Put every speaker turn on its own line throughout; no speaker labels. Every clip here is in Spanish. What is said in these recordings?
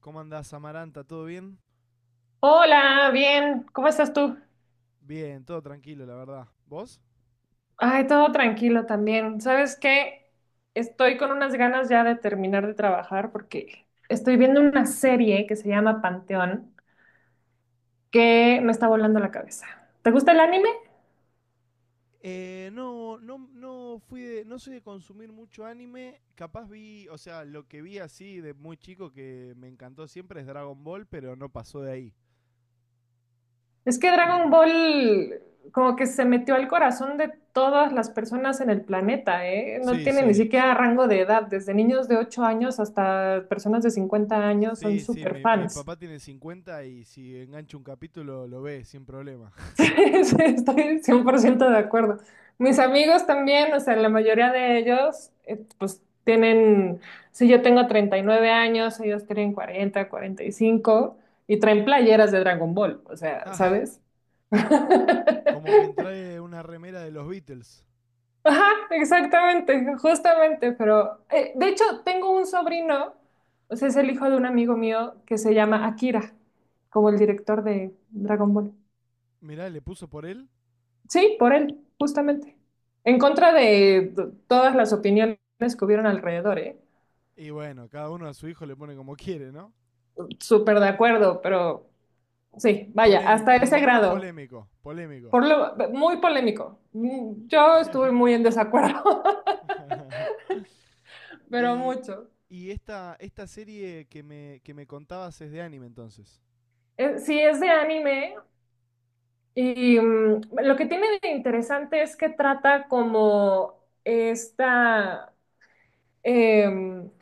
¿Cómo andás, Amaranta? ¿Todo bien?
Hola, bien, ¿cómo estás tú?
Bien, todo tranquilo, la verdad. ¿Vos?
Ay, todo tranquilo también. ¿Sabes qué? Estoy con unas ganas ya de terminar de trabajar porque estoy viendo una serie que se llama Panteón que me está volando la cabeza. ¿Te gusta el anime?
No, no, no soy de consumir mucho anime. Capaz o sea, lo que vi así de muy chico que me encantó siempre es Dragon Ball, pero no pasó de ahí.
Es que Dragon Ball como que se metió al corazón de todas las personas en el planeta, ¿eh? No
Sí,
tiene ni
sí.
siquiera rango de edad, desde niños de 8 años hasta personas de 50 años son
Sí, sí,
súper
mi
fans.
papá tiene 50 y si engancha un capítulo lo ve sin problema.
Sí, estoy 100% de acuerdo. Mis amigos también, o sea, la mayoría de ellos, pues tienen, si yo tengo 39 años, ellos tienen 40, 45 y cinco y traen playeras de Dragon Ball, o sea,
Ah,
¿sabes?
como que entrae una remera de los Beatles.
Ajá, exactamente, justamente, pero de hecho tengo un sobrino, o sea, es el hijo de un amigo mío que se llama Akira, como el director de Dragon Ball.
Mirá, le puso por él.
Sí, por él, justamente. En contra de todas las opiniones que hubieron alrededor, ¿eh?
Y bueno, cada uno a su hijo le pone como quiere, ¿no?
Súper de acuerdo, pero sí, vaya,
Polémico,
hasta
por
ese
lo menos
grado.
polémico, polémico.
Por lo, muy polémico. Yo estuve muy en desacuerdo, pero
y
mucho.
y esta serie que me contabas es de anime entonces.
Sí, es de anime y lo que tiene de interesante es que trata como esta eh,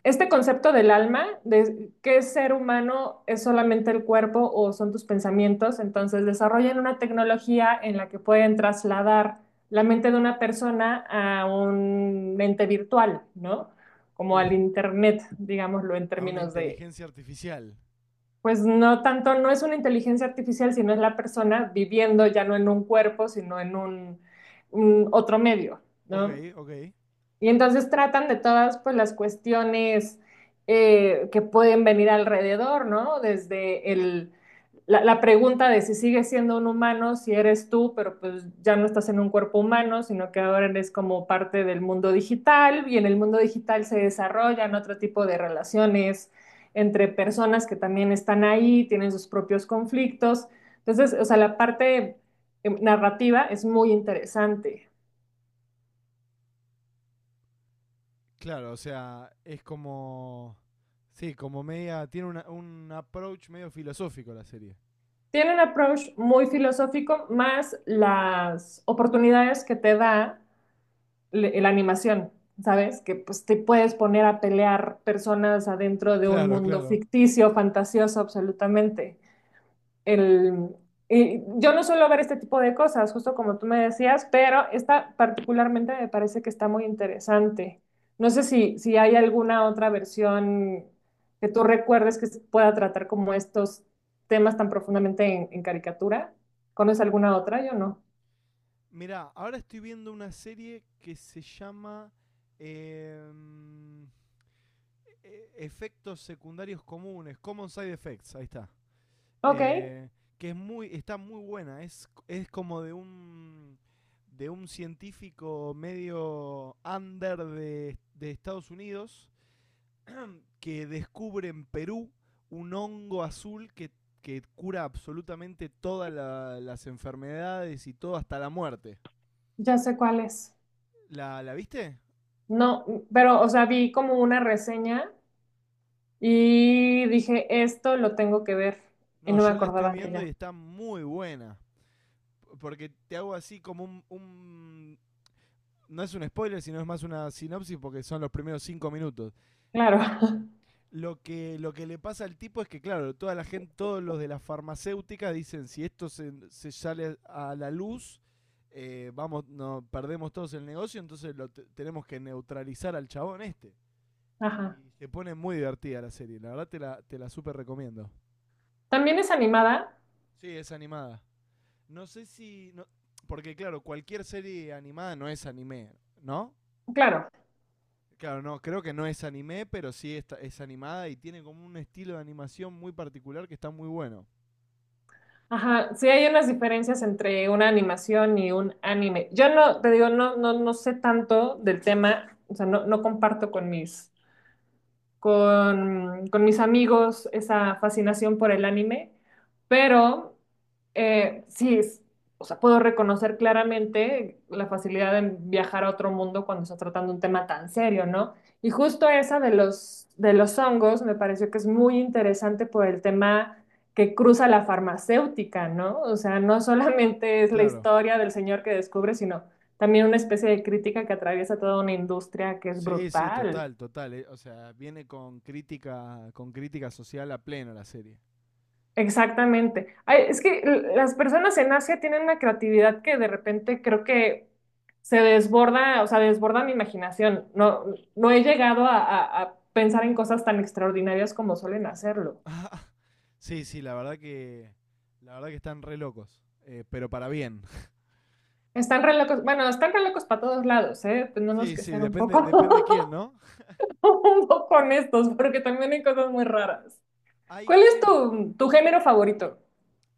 este concepto del alma, de qué ser humano es solamente el cuerpo o son tus pensamientos, entonces desarrollan una tecnología en la que pueden trasladar la mente de una persona a un ente virtual, ¿no? Como
Uf,
al internet, digámoslo en
a una
términos de,
inteligencia artificial.
pues no tanto, no es una inteligencia artificial, sino es la persona viviendo ya no en un cuerpo, sino en un otro medio,
Ok,
¿no?
ok.
Y entonces tratan de todas pues, las cuestiones que pueden venir alrededor, ¿no? Desde la pregunta de si sigues siendo un humano, si eres tú, pero pues ya no estás en un cuerpo humano, sino que ahora eres como parte del mundo digital y en el mundo digital se desarrollan otro tipo de relaciones entre personas que también están ahí, tienen sus propios conflictos. Entonces, o sea, la parte narrativa es muy interesante.
Claro, o sea, es como, sí, como media, tiene un approach medio filosófico la serie.
Tiene un approach muy filosófico, más las oportunidades que te da la animación, ¿sabes? Que pues te puedes poner a pelear personas adentro de un
Claro,
mundo
claro.
ficticio, fantasioso, absolutamente el, y yo no suelo ver este tipo de cosas, justo como tú me decías, pero esta particularmente me parece que está muy interesante. No sé si hay alguna otra versión que tú recuerdes que pueda tratar como estos temas tan profundamente en caricatura. ¿Conoces alguna otra? Yo no.
Mirá, ahora estoy viendo una serie que se llama em, efectos secundarios comunes, Common Side Effects, ahí está.
Ok,
eh, que es está muy buena. Es como de un científico medio under de Estados Unidos, que descubre en Perú un hongo azul que cura absolutamente todas las enfermedades y todo hasta la muerte.
ya sé cuál es.
¿La viste?
No, pero, o sea, vi como una reseña y dije, esto lo tengo que ver y
No,
no me
yo la estoy
acordaba de
viendo y
ella.
está muy buena. Porque te hago así como no es un spoiler, sino es más una sinopsis porque son los primeros 5 minutos.
Claro.
Em, lo que le pasa al tipo es que, claro, toda la gente, todos los de las farmacéuticas dicen, si esto se sale a la luz, vamos, no, perdemos todos el negocio, entonces lo tenemos que neutralizar al chabón este.
Ajá.
Y se pone muy divertida la serie, la verdad te la súper recomiendo.
También es animada,
Sí, es animada. No sé si porque claro, cualquier serie animada no es anime, ¿no?
claro.
Claro, no, creo que no es anime, pero sí, es animada y tiene como un estilo de animación muy particular que está muy bueno.
Ajá, sí hay unas diferencias entre una animación y un anime. Yo no, te digo, no, no, no sé tanto del tema, o sea, no, no comparto con con mis amigos esa fascinación por el anime, pero sí, o sea, puedo reconocer claramente la facilidad de viajar a otro mundo cuando está tratando un tema tan serio, ¿no? Y justo esa de los hongos me pareció que es muy interesante por el tema que cruza la farmacéutica, ¿no? O sea, no solamente es la
Claro.
historia del señor que descubre, sino también una especie de crítica que atraviesa toda una industria que es
Sí, sí,
brutal.
total, total. O sea, viene con crítica, social a pleno la serie.
Exactamente. Ay, es que las personas en Asia tienen una creatividad que de repente creo que se desborda, o sea, desborda mi imaginación. No, no he llegado a pensar en cosas tan extraordinarias como suelen hacerlo.
Sí, sí, la verdad que. La verdad que están re locos. Pero para bien.
Están re locos, bueno, están re locos para todos lados, ¿eh? Tenemos
Sí,
que
sí,
ser un
depende,
poco,
depende quién, ¿no?
un poco honestos, porque también hay cosas muy raras.
Hay
¿Cuál es
hay un-
tu género favorito?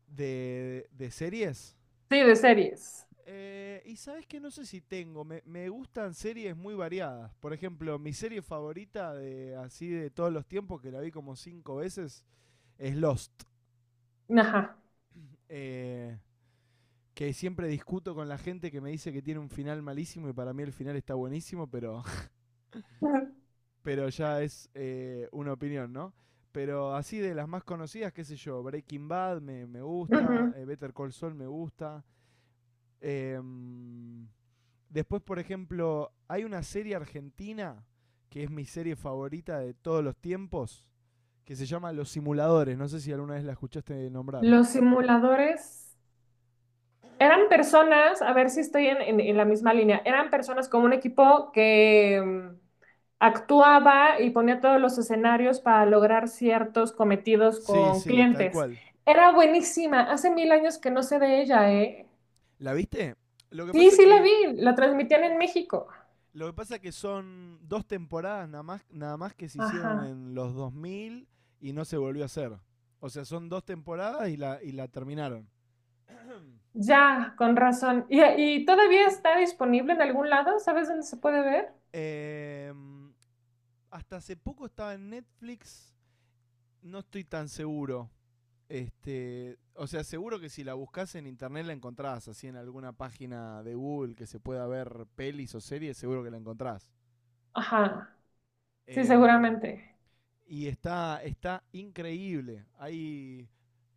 de series.
Sí, de series.
Y sabes que no sé si me gustan series muy variadas. Por ejemplo, mi serie favorita de así de todos los tiempos, que la vi como cinco veces, es Lost.
Ajá.
Eh, que siempre discuto con la gente que me dice que tiene un final malísimo y para mí el final está buenísimo, pero, pero ya es una opinión, ¿no? Pero así de las más conocidas, qué sé yo, Breaking Bad me gusta,
Ujú.
Better Call Saul me gusta. em, Después, por ejemplo, hay una serie argentina que es mi serie favorita de todos los tiempos, que se llama Los Simuladores. No sé si alguna vez la escuchaste nombrar.
Los simuladores. Eran personas, a ver si estoy en la misma línea, eran personas como un equipo que actuaba y ponía todos los escenarios para lograr ciertos cometidos
Sí,
con
sí, tal
clientes.
cual.
Era buenísima, hace mil años que no sé de ella, ¿eh?
¿La viste? Lo que
Sí,
pasa es
sí la
que
vi, la transmitían en México.
lo que pasa es que son dos temporadas nada más, nada más que se hicieron
Ajá,
en los 2000 y no se volvió a hacer. O sea, son dos temporadas y la terminaron.
ya, con razón. ¿Y todavía está disponible en algún lado? ¿Sabes dónde se puede ver?
Eh, Hasta hace poco estaba en Netflix, no estoy tan seguro. O sea, seguro que si la buscas en internet la encontrás, así en alguna página de Google que se pueda ver pelis o series, seguro que la encontrás.
Ajá, sí,
Em,
seguramente.
y está increíble. Hay.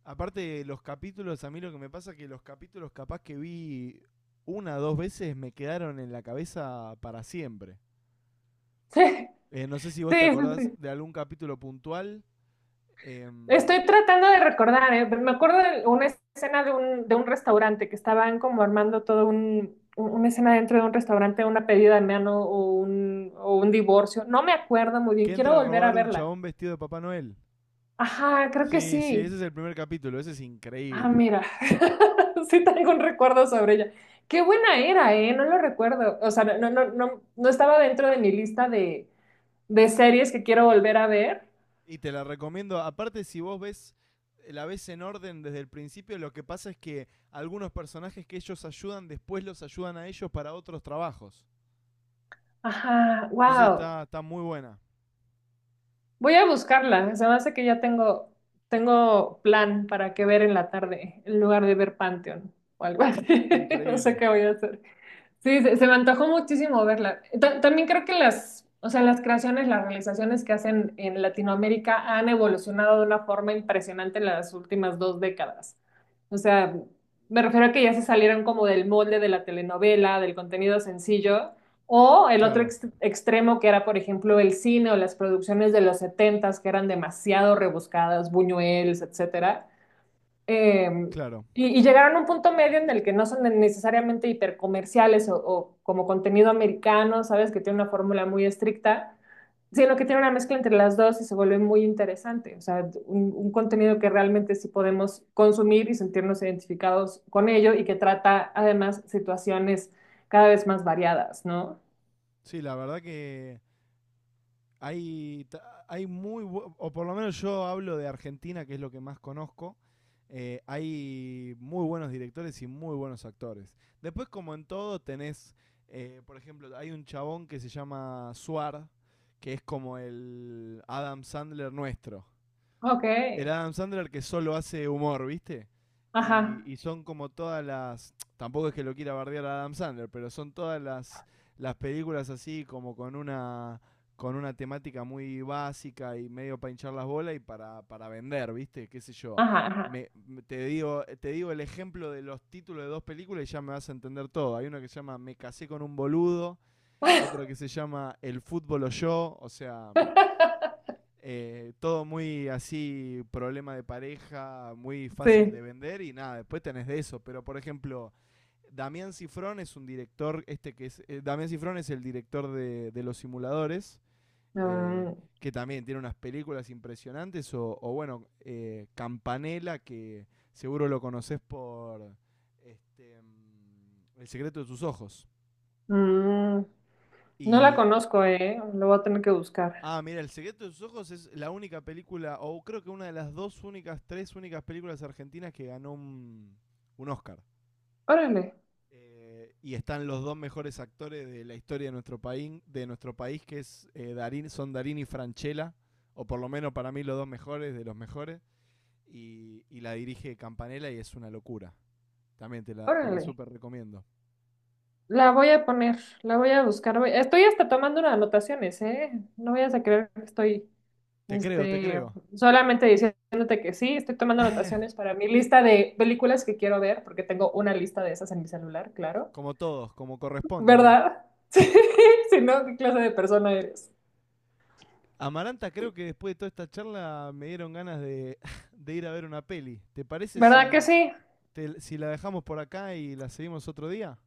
Aparte, los capítulos, a mí lo que me pasa es que los capítulos capaz que vi una o dos veces me quedaron en la cabeza para siempre.
Sí,
No sé si vos te
sí,
acordás
sí.
de algún capítulo puntual, em,
Estoy tratando de recordar, ¿eh? Me acuerdo de una escena de de un restaurante que estaban como armando todo una escena dentro de un restaurante, una pedida de mano o o un divorcio. No me acuerdo muy
que
bien, quiero
entra a
volver a
robar un
verla.
chabón vestido de Papá Noel.
Ajá, creo que
Sí, sí,
sí.
ese es el primer capítulo, ese es
Ah,
increíble.
mira, sí tengo un recuerdo sobre ella. Qué buena era, ¿eh? No lo recuerdo. O sea, no, no, no, no estaba dentro de mi lista de series que quiero volver a ver.
Y te la recomiendo, aparte si vos la ves en orden desde el principio, lo que pasa es que algunos personajes que ellos ayudan, después los ayudan a ellos para otros trabajos.
Ajá,
Entonces
wow.
está muy buena.
Voy a buscarla. Se me hace que ya tengo plan para que ver en la tarde, en lugar de ver Pantheon o algo así. No sé
Increíble.
qué voy a hacer. Sí, se me antojó muchísimo verla. También creo que las, o sea, las creaciones, las realizaciones que hacen en Latinoamérica han evolucionado de una forma impresionante en las últimas 2 décadas. O sea, me refiero a que ya se salieron como del molde de la telenovela, del contenido sencillo, o el otro
Claro,
extremo que era, por ejemplo, el cine o las producciones de los setentas que eran demasiado rebuscadas, Buñuelos, etcétera, eh,
claro.
y llegaron a un punto medio en el que no son necesariamente hipercomerciales o como contenido americano, ¿sabes? Que tiene una fórmula muy estricta, sino que tiene una mezcla entre las dos y se vuelve muy interesante. O sea, un contenido que realmente sí podemos consumir y sentirnos identificados con ello y que trata además situaciones cada vez más variadas, ¿no?
Sí, la verdad que Hay, hay muy, o por lo menos yo hablo de Argentina, que es lo que más conozco. Hay muy buenos directores y muy buenos actores. Después, como en todo, por ejemplo, hay un chabón que se llama Suar, que es como el Adam Sandler nuestro,
Ok.
el Adam Sandler que solo hace humor, ¿viste? Y,
Ajá,
y son como todas las. Tampoco es que lo quiera bardear a Adam Sandler, pero son todas las películas así, como con una temática muy básica y medio para hinchar las bolas y para vender, ¿viste? ¿Qué sé yo?
ajá, ajá.
Te digo el ejemplo de los títulos de dos películas y ya me vas a entender todo. Hay una que se llama Me casé con un boludo, otra que se llama El fútbol o yo, o sea, todo muy así, problema de pareja, muy fácil
Sí.
de vender y nada, después tenés de eso. Pero por ejemplo, Damián Cifrón es un director, este que es, Damián Cifrón es el director de Los Simuladores, eh,
Mm,
que también tiene unas películas impresionantes, o bueno, Campanella, que seguro lo conoces por El secreto de tus ojos.
mm. No la
Y
conozco, ¿eh? Lo voy a tener que buscar.
Ah, mira, El secreto de sus ojos es la única película, o creo que una de las dos únicas, tres únicas películas argentinas que ganó un Oscar.
Órale,
Y están los dos mejores actores de la historia de nuestro país, son Darín y Franchella, o por lo menos para mí los dos mejores, de los mejores. Y la dirige Campanella y es una locura. También te la
órale.
súper recomiendo.
La voy a poner, la voy a buscar. Estoy hasta tomando unas anotaciones, ¿eh? No vayas a creer que estoy,
Te creo, te
este,
creo.
solamente diciéndote que sí, estoy tomando anotaciones para mi lista de películas que quiero ver, porque tengo una lista de esas en mi celular, claro.
Como todos, como corresponde o no.
¿Verdad? Sí, si no, ¿qué clase de persona eres?
Amaranta, creo que después de toda esta charla me dieron ganas de, de ir a ver una peli. ¿Te parece
¿Verdad que
si,
sí?
te- si la dejamos por acá y la seguimos otro día?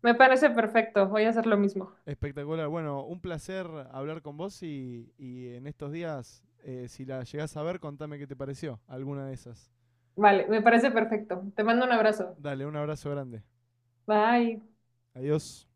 Me parece perfecto. Voy a hacer lo mismo.
Espectacular. Bueno, un placer hablar con vos y en estos días, si la llegás a ver, contame qué te pareció, alguna de esas.
Vale, me parece perfecto. Te mando un abrazo.
Dale, un abrazo grande.
Bye.
Adiós.